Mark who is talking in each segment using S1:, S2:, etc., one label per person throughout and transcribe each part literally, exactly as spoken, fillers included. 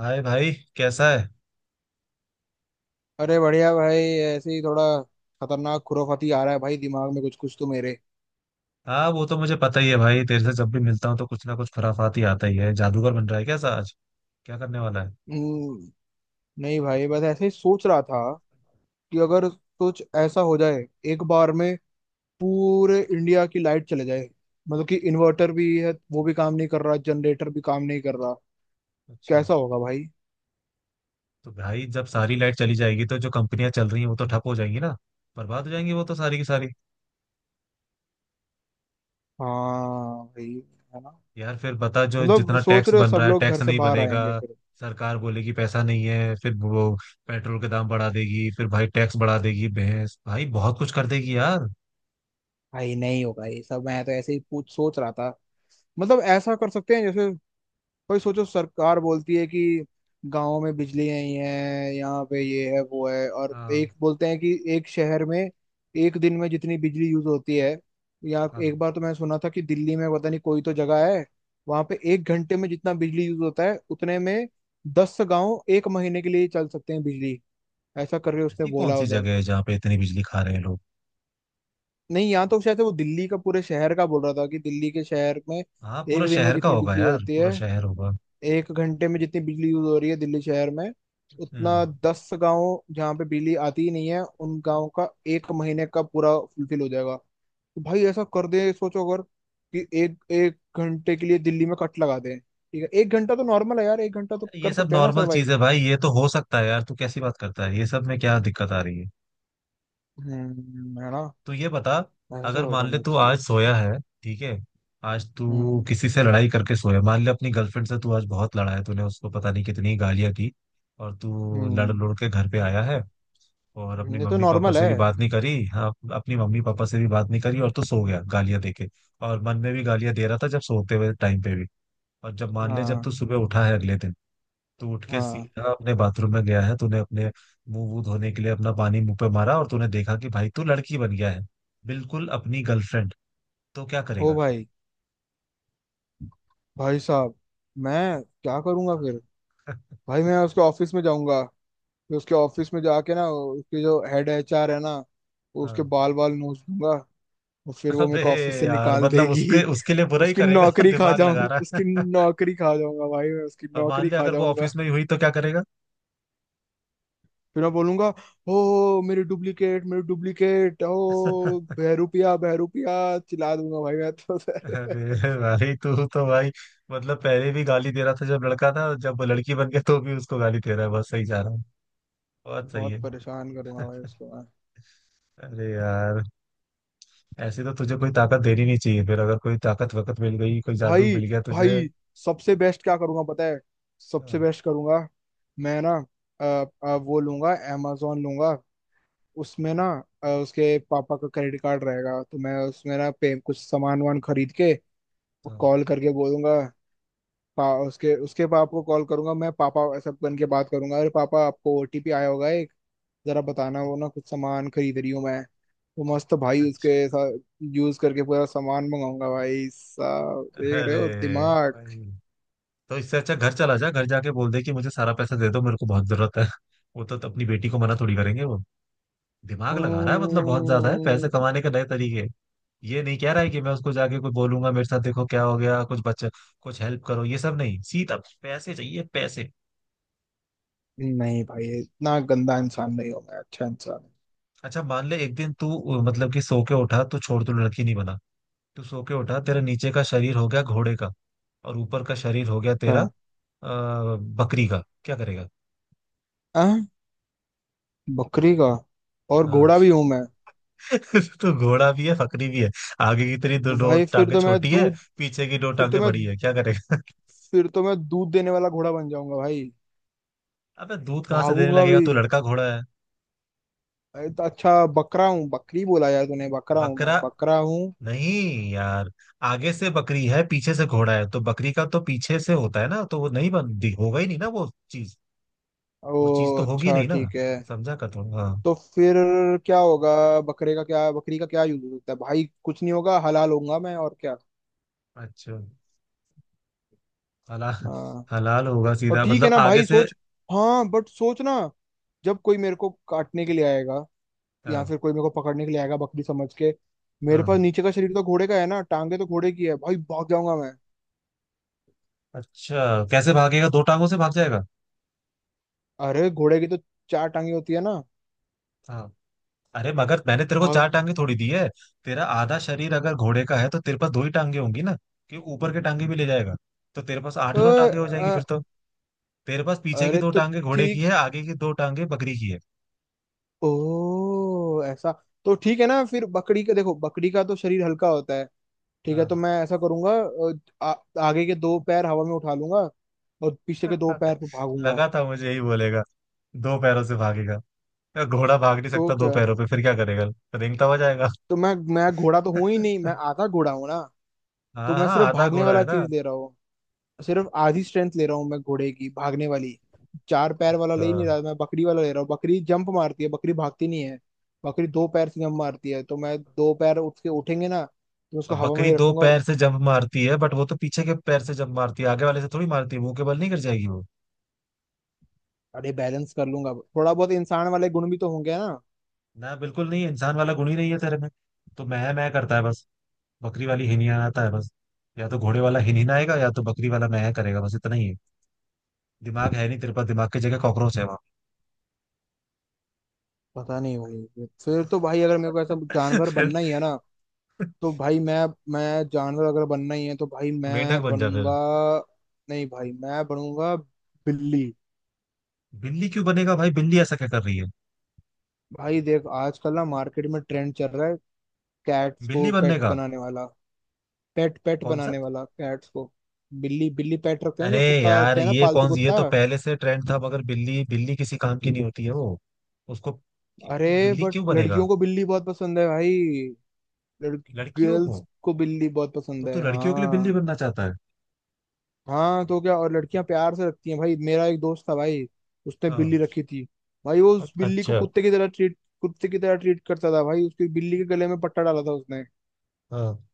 S1: हाय भाई। कैसा है?
S2: अरे बढ़िया भाई, ऐसे ही थोड़ा खतरनाक खुराफाती आ रहा है भाई, दिमाग में कुछ कुछ तो मेरे।
S1: हाँ वो तो मुझे पता ही है भाई, तेरे से जब भी मिलता हूँ तो कुछ ना कुछ खुराफात ही आता ही है। जादूगर बन रहा है कैसा आज? क्या करने वाला है?
S2: हम्म, नहीं भाई, बस ऐसे ही सोच रहा था कि अगर कुछ ऐसा हो जाए, एक बार में पूरे इंडिया की लाइट चले जाए। मतलब कि इन्वर्टर भी है वो भी काम नहीं कर रहा, जनरेटर भी काम नहीं कर रहा।
S1: अच्छा।
S2: कैसा होगा भाई?
S1: तो भाई जब सारी लाइट चली जाएगी तो जो कंपनियां चल रही हैं वो तो ठप हो जाएंगी ना। बर्बाद हो जाएंगी वो तो सारी की सारी।
S2: हाँ भाई, है ना?
S1: यार फिर बता, जो
S2: मतलब
S1: जितना
S2: सोच
S1: टैक्स
S2: रहे हो
S1: बन
S2: सब
S1: रहा है
S2: लोग
S1: टैक्स
S2: घर से
S1: नहीं
S2: बाहर
S1: बनेगा।
S2: आएंगे फिर?
S1: सरकार बोलेगी पैसा नहीं है, फिर वो पेट्रोल के दाम बढ़ा देगी, फिर भाई टैक्स बढ़ा देगी, भैंस भाई बहुत कुछ कर देगी यार।
S2: भाई नहीं होगा ये सब, मैं तो ऐसे ही पूछ सोच रहा था। मतलब ऐसा कर सकते हैं जैसे, भाई सोचो, सरकार बोलती है कि गांव में बिजली नहीं है, यहाँ पे ये है वो है, और
S1: हाँ,
S2: एक बोलते हैं कि एक शहर में एक दिन में जितनी बिजली यूज होती है, या
S1: हाँ।
S2: एक बार तो मैंने सुना था कि दिल्ली में पता नहीं कोई तो जगह है, वहां पे एक घंटे में जितना बिजली यूज होता है, उतने में दस गांव एक महीने के लिए चल सकते हैं बिजली। ऐसा करके उसने
S1: ऐसी कौन
S2: बोला
S1: सी
S2: उधर।
S1: जगह है जहाँ पे इतनी बिजली खा रहे हैं लोग?
S2: नहीं, यहाँ तो शायद से वो दिल्ली का, पूरे शहर का बोल रहा था कि दिल्ली के शहर में
S1: हाँ पूरा
S2: एक दिन में
S1: शहर का
S2: जितनी
S1: होगा
S2: बिजली
S1: यार,
S2: होती
S1: पूरा
S2: है,
S1: शहर होगा।
S2: एक घंटे में जितनी बिजली यूज हो रही है दिल्ली शहर में, उतना
S1: हम्म।
S2: दस गांव जहाँ पे बिजली आती ही नहीं है, उन गांव का एक महीने का पूरा फुलफिल हो जाएगा। तो भाई ऐसा कर दे, सोचो अगर, कि एक एक घंटे के लिए दिल्ली में कट लगा दें। ठीक है, एक घंटा तो नॉर्मल है यार, एक घंटा तो
S1: ये
S2: कर
S1: सब
S2: सकते हैं ना
S1: नॉर्मल
S2: सरवाइव।
S1: चीज है भाई, ये तो हो सकता है यार। तू कैसी बात करता है, ये सब में क्या दिक्कत आ रही है?
S2: हम्म, है ना?
S1: तू ये बता,
S2: ऐसा
S1: अगर
S2: हो
S1: मान ले
S2: जाना
S1: तू
S2: चाहिए
S1: आज
S2: कुछ।
S1: सोया है, ठीक है। आज तू
S2: हम्म।
S1: किसी से लड़ाई करके सोया, मान ले अपनी गर्लफ्रेंड से तू आज बहुत लड़ा है, तूने उसको पता नहीं कितनी गालियां दी। और तू लड़
S2: हम्म।
S1: लड़ के घर पे आया है। और अपनी
S2: ये तो
S1: मम्मी पापा
S2: नॉर्मल
S1: से
S2: है।
S1: भी बात नहीं करी, हाँ अपनी मम्मी पापा से भी बात नहीं करी, और तू सो गया गालियां दे के। और मन में भी गालियां दे रहा था जब सोते हुए टाइम पे भी। और जब मान ले जब तू
S2: हाँ,
S1: सुबह उठा है अगले दिन, तू उठ के
S2: हाँ।
S1: सीधा अपने बाथरूम में गया है, तूने अपने मुंह वूह धोने के लिए अपना पानी मुंह पे मारा, और तूने देखा कि भाई तू लड़की बन गया है। बिल्कुल अपनी गर्लफ्रेंड। तो क्या
S2: ओ
S1: करेगा?
S2: भाई! भाई साहब, मैं क्या करूंगा
S1: हाँ।
S2: फिर? भाई मैं उसके ऑफिस में जाऊंगा, फिर उसके ऑफिस में जाके ना उसके जो हेड एचआर है ना, उसके
S1: हाँ।
S2: बाल बाल नोच दूंगा, और फिर वो मेरे
S1: अबे!
S2: को ऑफिस से
S1: यार
S2: निकाल
S1: मतलब
S2: देगी।
S1: उसके उसके लिए बुरा ही
S2: उसकी
S1: करेगा।
S2: नौकरी खा
S1: दिमाग लगा
S2: जाऊं
S1: रहा
S2: उसकी,
S1: है।
S2: नौकरी खा जाऊंगा भाई, मैं उसकी
S1: और मान
S2: नौकरी
S1: ले
S2: खा
S1: अगर वो
S2: जाऊंगा।
S1: ऑफिस में ही हुई तो क्या करेगा?
S2: फिर मैं बोलूंगा, ओ मेरी डुप्लीकेट, मेरी डुप्लीकेट, ओ बहरूपिया बहरूपिया, चिल्ला दूंगा भाई मैं तो
S1: अरे भाई तू तो भाई, मतलब पहले भी गाली दे रहा था जब लड़का था, जब वो लड़की बन गया तो भी उसको गाली दे रहा है, बस सही जा रहा हूँ। बहुत सही
S2: बहुत
S1: है।
S2: परेशान करूंगा भाई उसको मैं।
S1: अरे यार, ऐसे तो तुझे कोई ताकत देनी नहीं चाहिए। फिर अगर कोई ताकत वकत मिल गई, कोई जादू
S2: भाई,
S1: मिल गया तुझे।
S2: भाई, सबसे बेस्ट क्या करूंगा पता है? सबसे
S1: हाँ,
S2: बेस्ट करूंगा, मैं ना अ, अ, वो लूंगा, amazon लूंगा, उसमें ना अ, उसके पापा का क्रेडिट कार्ड रहेगा, तो मैं उसमें ना पे कुछ सामान वामान खरीद के
S1: हाँ,
S2: कॉल करके बोलूंगा। पा, उसके उसके पापा को कॉल करूंगा मैं, पापा ऐसा बन के बात करूंगा, अरे पापा आपको ओटीपी आया होगा एक, जरा बताना, वो ना कुछ सामान खरीद रही हूँ मैं, तो मस्त भाई
S1: अच्छा।
S2: उसके साथ यूज करके पूरा सामान मंगाऊंगा। भाई साहब देख रहे
S1: अरे
S2: हो दिमाग?
S1: भाई तो इससे अच्छा घर चला जा, घर जाके बोल दे कि मुझे सारा पैसा दे दो, मेरे को बहुत जरूरत है। वो तो अपनी बेटी को मना थोड़ी करेंगे वो। दिमाग लगा रहा है मतलब बहुत ज्यादा है,
S2: ओ,
S1: पैसे कमाने के नए तरीके। ये नहीं कह रहा है कि मैं उसको जाके कोई बोलूंगा मेरे साथ देखो क्या हो गया, कुछ बच्चे कुछ हेल्प करो, ये सब नहीं, सीधा पैसे चाहिए पैसे।
S2: नहीं भाई इतना गंदा इंसान नहीं हूं मैं, अच्छा इंसान हूं।
S1: अच्छा मान ले एक दिन तू, अ, मतलब कि सो के उठा, तू छोड़, तू लड़की नहीं बना। तू सो के उठा, तेरा नीचे का शरीर हो गया घोड़े का, और ऊपर का शरीर हो गया तेरा, आ,
S2: अच्छा।
S1: बकरी का। क्या करेगा?
S2: आ? बकरी का, और
S1: अ,
S2: घोड़ा भी हूं मैं?
S1: तो घोड़ा भी है बकरी भी है। आगे की तेरी दो,
S2: तो
S1: दो
S2: भाई फिर
S1: टांगे
S2: तो मैं
S1: छोटी है,
S2: दूध
S1: पीछे की दो
S2: फिर तो
S1: टांगे
S2: मैं
S1: बड़ी है, क्या करेगा?
S2: फिर तो मैं दूध देने वाला घोड़ा बन जाऊंगा भाई,
S1: अबे दूध कहाँ से देने
S2: भागूंगा
S1: लगेगा
S2: भी।
S1: तू? लड़का घोड़ा है,
S2: अरे तो अच्छा बकरा हूँ, बकरी बोला यार तूने, बकरा हूँ, मैं
S1: बकरा।
S2: बकरा हूँ।
S1: नहीं यार, आगे से बकरी है पीछे से घोड़ा है, तो बकरी का तो पीछे से होता है ना, तो वो नहीं बनती, होगा ही नहीं ना वो चीज।
S2: ओ
S1: वो चीज तो होगी
S2: अच्छा,
S1: नहीं ना।
S2: ठीक है।
S1: समझा कर थोड़ा, हाँ।
S2: तो फिर क्या होगा बकरे का? क्या बकरी का क्या यूज हो सकता है भाई, कुछ नहीं होगा, हलाल होऊंगा मैं और
S1: अच्छा, हलाल।
S2: क्या।
S1: हलाल होगा
S2: और
S1: सीधा,
S2: ठीक है
S1: मतलब
S2: ना
S1: आगे
S2: भाई,
S1: से।
S2: सोच। हाँ बट सोच ना, जब कोई मेरे को काटने के लिए आएगा, या
S1: हाँ।
S2: फिर कोई मेरे को पकड़ने के लिए आएगा बकरी समझ के, मेरे पास
S1: हाँ।
S2: नीचे का शरीर तो घोड़े का है ना, टांगे तो घोड़े की है भाई, भाग जाऊंगा मैं।
S1: अच्छा कैसे भागेगा, दो टांगों से भाग जाएगा?
S2: अरे घोड़े की तो चार टांगे होती है ना।
S1: हाँ। अरे मगर मैंने तेरे को
S2: भाग।
S1: चार टांगे थोड़ी दी है। तेरा आधा शरीर अगर घोड़े का है तो तेरे पास दो ही टांगे होंगी ना। कि ऊपर के टांगे भी ले जाएगा? तो तेरे पास आठ
S2: अ,
S1: नौ टांगे हो जाएंगी फिर
S2: अ,
S1: तो। तेरे पास पीछे की
S2: अरे
S1: दो
S2: तो
S1: टांगे घोड़े की
S2: ठीक,
S1: है, आगे की दो टांगे बकरी की है।
S2: ओ ऐसा। तो ठीक है ना, फिर बकरी का देखो बकरी का तो शरीर हल्का होता है। ठीक है,
S1: हाँ।
S2: तो मैं ऐसा करूंगा, अ, आ, आगे के दो पैर हवा में उठा लूंगा, और पीछे के दो पैर पे भागूंगा।
S1: लगा था मुझे यही बोलेगा, दो पैरों से भागेगा। घोड़ा भाग नहीं
S2: तो
S1: सकता दो
S2: क्या,
S1: पैरों पे, फिर क्या करेगा? रेंगता हुआ जाएगा?
S2: तो मैं मैं घोड़ा तो हूं ही नहीं, मैं आधा घोड़ा हूं ना। तो
S1: हाँ
S2: मैं
S1: हाँ,
S2: सिर्फ
S1: आधा
S2: भागने
S1: घोड़ा
S2: वाला
S1: है ना।
S2: चीज ले रहा हूँ, सिर्फ आधी स्ट्रेंथ ले रहा हूँ मैं घोड़े की भागने वाली। चार पैर वाला
S1: अच्छा,
S2: ले ही नहीं रहा, मैं बकरी वाला ले रहा हूँ, बकरी जंप मारती है, बकरी भागती नहीं है। बकरी दो पैर से जंप मारती है, तो मैं दो पैर उठ के उठेंगे ना तो उसको
S1: अब
S2: हवा में
S1: बकरी
S2: ही
S1: दो
S2: रखूंगा और।
S1: पैर से जंप मारती है, बट वो तो पीछे के पैर से जंप मारती है, आगे वाले से थोड़ी मारती है, मुंह के बल नहीं कर जाएगी वो?
S2: अरे बैलेंस कर लूंगा, थोड़ा बहुत इंसान वाले गुण भी तो होंगे ना।
S1: ना, बिल्कुल नहीं। इंसान वाला गुण ही नहीं है तेरे में, तो मैं मैं करता है बस, बकरी वाली हिनिहानाता है बस। या तो घोड़े वाला हिनहिनाएगा या तो बकरी वाला मैं करेगा, बस इतना ही है। दिमाग है नहीं तेरे पास, दिमाग की जगह कॉकरोच है वहां।
S2: पता नहीं भाई, फिर तो भाई अगर मेरे को ऐसा जानवर
S1: फिर?
S2: बनना ही है ना, तो भाई मैं मैं जानवर अगर बनना ही है तो भाई
S1: मेंढक
S2: मैं
S1: बन जा फिर।
S2: बनूंगा, नहीं भाई मैं बनूंगा बिल्ली।
S1: बिल्ली क्यों बनेगा भाई, बिल्ली ऐसा क्या कर रही है?
S2: भाई देख, आजकल ना मार्केट में ट्रेंड चल रहा है, कैट्स को
S1: बिल्ली बनने
S2: पेट
S1: का?
S2: बनाने वाला, पेट पेट
S1: कौन सा?
S2: बनाने वाला कैट्स को, बिल्ली बिल्ली पेट रखते हैं,
S1: अरे
S2: जो कुत्ता
S1: यार
S2: रखते हैं ना
S1: ये
S2: पालतू
S1: कौन सी, ये
S2: कुत्ता।
S1: तो पहले से ट्रेंड था मगर। बिल्ली, बिल्ली किसी काम की नहीं होती है वो। उसको,
S2: अरे
S1: तो बिल्ली
S2: बट
S1: क्यों बनेगा?
S2: लड़कियों को बिल्ली बहुत पसंद है भाई, लड़की,
S1: लड़कियों
S2: गर्ल्स
S1: को?
S2: को बिल्ली बहुत
S1: तो
S2: पसंद
S1: तू
S2: है,
S1: लड़कियों के लिए बिल्ली
S2: हाँ।
S1: बनना चाहता है?
S2: हाँ तो क्या, और लड़कियां प्यार से रखती हैं भाई, मेरा एक दोस्त था भाई, उसने बिल्ली
S1: हाँ।
S2: रखी थी। भाई वो उस बिल्ली को
S1: अच्छा,
S2: कुत्ते की तरह ट्रीट, कुत्ते की तरह ट्रीट करता था भाई, उसकी बिल्ली के गले में पट्टा डाला था उसने।
S1: हाँ।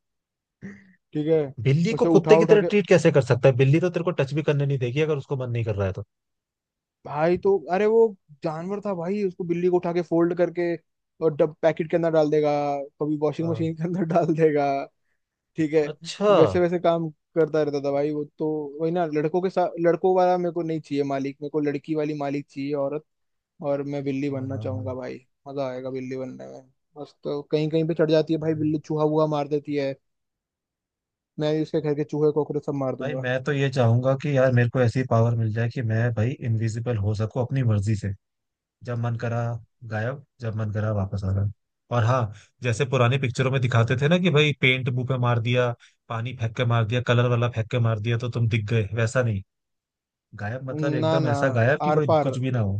S2: ठीक है,
S1: बिल्ली को
S2: उसे
S1: कुत्ते
S2: उठा
S1: की
S2: उठा
S1: तरह
S2: के,
S1: ट्रीट कैसे कर सकता है, बिल्ली तो तेरे को टच भी करने नहीं देगी अगर उसको मन नहीं कर रहा है तो।
S2: भाई तो अरे वो जानवर था भाई, उसको बिल्ली को उठा के फोल्ड करके और डब पैकेट के अंदर डाल देगा, कभी वॉशिंग
S1: हाँ,
S2: मशीन के अंदर डाल देगा। ठीक है,
S1: अच्छा। हाँ
S2: वैसे वैसे काम करता रहता था भाई वो तो, वही ना लड़कों के साथ लड़कों वाला मेरे को नहीं चाहिए मालिक, मेरे को लड़की वाली मालिक चाहिए, औरत। और मैं बिल्ली
S1: हाँ
S2: बनना
S1: हाँ।
S2: चाहूंगा भाई, मजा आएगा बिल्ली बनने में। बस तो कहीं कहीं पे चढ़ जाती है भाई बिल्ली, चूहा वूहा मार देती है, मैं भी उसके घर के चूहे कॉकरोच सब मार
S1: भाई
S2: दूंगा।
S1: मैं तो ये चाहूंगा कि यार मेरे को ऐसी पावर मिल जाए कि मैं भाई इनविजिबल हो सकूं अपनी मर्जी से। जब मन करा गायब, जब मन करा वापस आ गए। और हाँ, जैसे पुरानी पिक्चरों में दिखाते थे ना कि भाई पेंट मुंह पे मार दिया, पानी फेंक के मार दिया, कलर वाला फेंक के मार दिया तो तुम दिख गए, वैसा नहीं। गायब मतलब
S2: ना,
S1: एकदम
S2: ना।
S1: ऐसा गायब कि
S2: आर
S1: कोई
S2: पार,
S1: कुछ भी ना हो।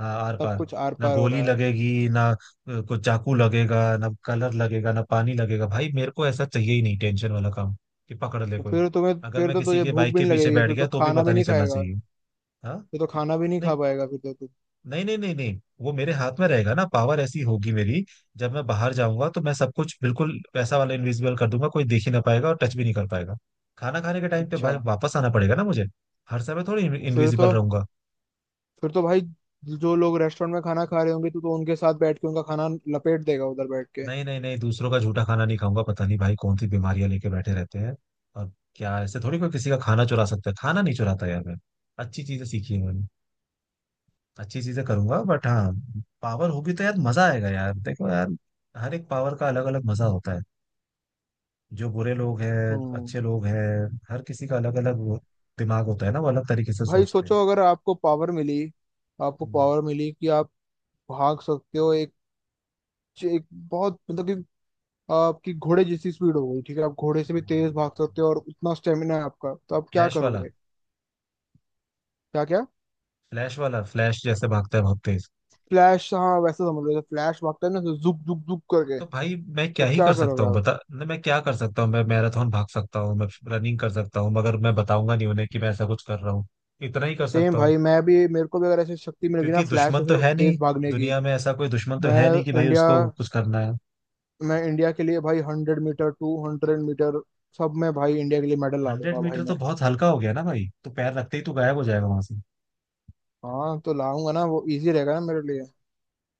S1: हाँ, आर
S2: सब
S1: पार।
S2: कुछ आर
S1: ना
S2: पार हो
S1: गोली
S2: रहा है।
S1: लगेगी, ना अ, कुछ चाकू लगेगा, ना कलर लगेगा, ना पानी लगेगा। भाई मेरे को ऐसा चाहिए ही नहीं टेंशन वाला काम, कि पकड़ ले
S2: तो
S1: कोई।
S2: फिर तुम्हें
S1: अगर
S2: फिर
S1: मैं
S2: तो
S1: किसी
S2: तुझे
S1: के
S2: भूख
S1: बाइक
S2: भी
S1: के
S2: नहीं
S1: पीछे
S2: लगेगी,
S1: बैठ
S2: फिर
S1: गया
S2: तो
S1: तो भी
S2: खाना
S1: पता
S2: भी
S1: नहीं
S2: नहीं
S1: चलना
S2: खाएगा,
S1: चाहिए। हाँ।
S2: फिर तो खाना भी नहीं
S1: नहीं
S2: खा पाएगा, फिर तो तू।
S1: नहीं नहीं नहीं नहीं, वो मेरे हाथ में रहेगा ना, पावर ऐसी होगी मेरी। जब मैं बाहर जाऊंगा तो मैं सब कुछ बिल्कुल पैसा वाला इनविजिबल कर दूंगा, कोई देख ही ना पाएगा और टच भी नहीं कर पाएगा। खाना खाने के टाइम पे
S2: अच्छा।
S1: भाई वापस आना पड़ेगा ना मुझे। हर समय थोड़ी
S2: फिर तो
S1: इनविजिबल रहूंगा।
S2: फिर तो भाई जो लोग रेस्टोरेंट में खाना खा रहे होंगे, तू तो उनके साथ बैठ के उनका खाना लपेट देगा उधर बैठ के।
S1: नहीं नहीं नहीं, दूसरों का झूठा खाना नहीं खाऊंगा, पता नहीं भाई कौन सी बीमारियां लेके बैठे रहते हैं। और क्या ऐसे थोड़ी कोई किसी का खाना चुरा सकता है, खाना नहीं चुराता यार मैं। अच्छी चीजें सीखी है मैंने, अच्छी चीजें करूंगा। बट हाँ, पावर होगी तो यार मजा आएगा यार। देखो यार, हर एक पावर का अलग अलग मजा होता है। जो बुरे लोग हैं,
S2: हम्म
S1: अच्छे लोग हैं, हर किसी का अलग अलग दिमाग होता है ना, वो अलग तरीके से
S2: भाई
S1: सोचते हैं।
S2: सोचो अगर आपको पावर मिली, आपको
S1: हम्म।
S2: पावर मिली कि आप भाग सकते हो, एक, एक बहुत मतलब कि आपकी घोड़े जैसी स्पीड हो गई, ठीक है आप घोड़े से भी तेज भाग सकते हो और उतना स्टेमिना है आपका, तो आप क्या
S1: फ्लैश वाला।
S2: करोगे? क्या क्या?
S1: फ्लैश वाला, फ्लैश जैसे भागता है बहुत तेज।
S2: फ्लैश, हाँ, वैसे समझ लो फ्लैश भागता है ना तो जुक जुक जुक करके,
S1: तो भाई मैं
S2: तो
S1: क्या ही कर
S2: क्या
S1: सकता
S2: करोगे
S1: हूँ,
S2: आप?
S1: बता न, मैं क्या कर सकता हूँ? मैं मैराथन भाग सकता हूँ, मैं रनिंग कर सकता हूँ, मगर मैं बताऊंगा नहीं उन्हें कि मैं ऐसा कुछ कर रहा हूँ। इतना ही कर
S2: सेम
S1: सकता हूँ।
S2: भाई मैं भी, मेरे को भी अगर ऐसी शक्ति मिल गई ना
S1: क्योंकि
S2: फ्लैश
S1: दुश्मन तो
S2: ऐसे
S1: है नहीं,
S2: तेज भागने की,
S1: दुनिया में ऐसा कोई दुश्मन तो
S2: मैं
S1: है नहीं कि भाई
S2: इंडिया
S1: उसको कुछ करना है।
S2: मैं इंडिया के लिए भाई hundred metre two hundred metre, सब में भाई इंडिया के लिए मेडल ला
S1: हंड्रेड
S2: दूंगा भाई
S1: मीटर
S2: मैं।
S1: तो बहुत हल्का हो गया ना भाई, तो पैर रखते ही तो गायब हो जाएगा वहां से।
S2: हाँ तो लाऊंगा ना, वो इजी रहेगा ना मेरे लिए।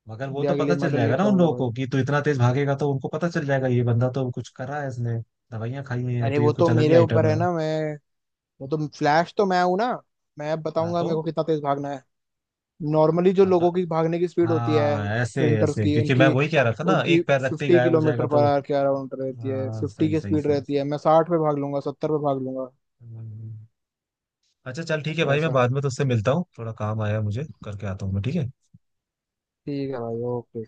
S1: मगर वो तो
S2: इंडिया के
S1: पता
S2: लिए
S1: चल
S2: मेडल
S1: जाएगा ना
S2: लेके
S1: उन
S2: आऊंगा
S1: लोगों
S2: भाई।
S1: को कि तू इतना तेज भागेगा, तो उनको पता चल जाएगा ये बंदा तो कुछ करा है इसने, दवाइयां खाई हुई हैं,
S2: अरे
S1: तो ये
S2: वो
S1: कुछ
S2: तो
S1: अलग ही
S2: मेरे ऊपर
S1: आइटम
S2: है
S1: है।
S2: ना मैं, वो तो फ्लैश तो मैं हूं ना, मैं
S1: हाँ
S2: बताऊंगा
S1: तो,
S2: मेरे को कितना तेज भागना है। नॉर्मली जो
S1: हाँ तो,
S2: लोगों की भागने की स्पीड होती
S1: हाँ
S2: है
S1: ऐसे
S2: स्प्रिंटर्स
S1: ऐसे,
S2: की,
S1: क्योंकि मैं
S2: उनकी,
S1: वही कह रहा था ना,
S2: उनकी
S1: एक पैर रखते ही
S2: फिफ्टी
S1: गायब हो
S2: किलोमीटर
S1: जाएगा
S2: पर
S1: तो।
S2: आवर के अराउंड रहती है,
S1: हाँ
S2: फिफ्टी
S1: सही
S2: की
S1: सही
S2: स्पीड
S1: सही
S2: रहती है,
S1: सही।
S2: मैं साठ पे भाग लूंगा, सत्तर पे भाग लूंगा।
S1: हम्म। अच्छा चल ठीक है भाई, मैं
S2: वैसा,
S1: बाद में तुझसे मिलता हूँ, थोड़ा काम आया है मुझे, करके आता हूँ मैं, ठीक है।
S2: ठीक है भाई, ओके।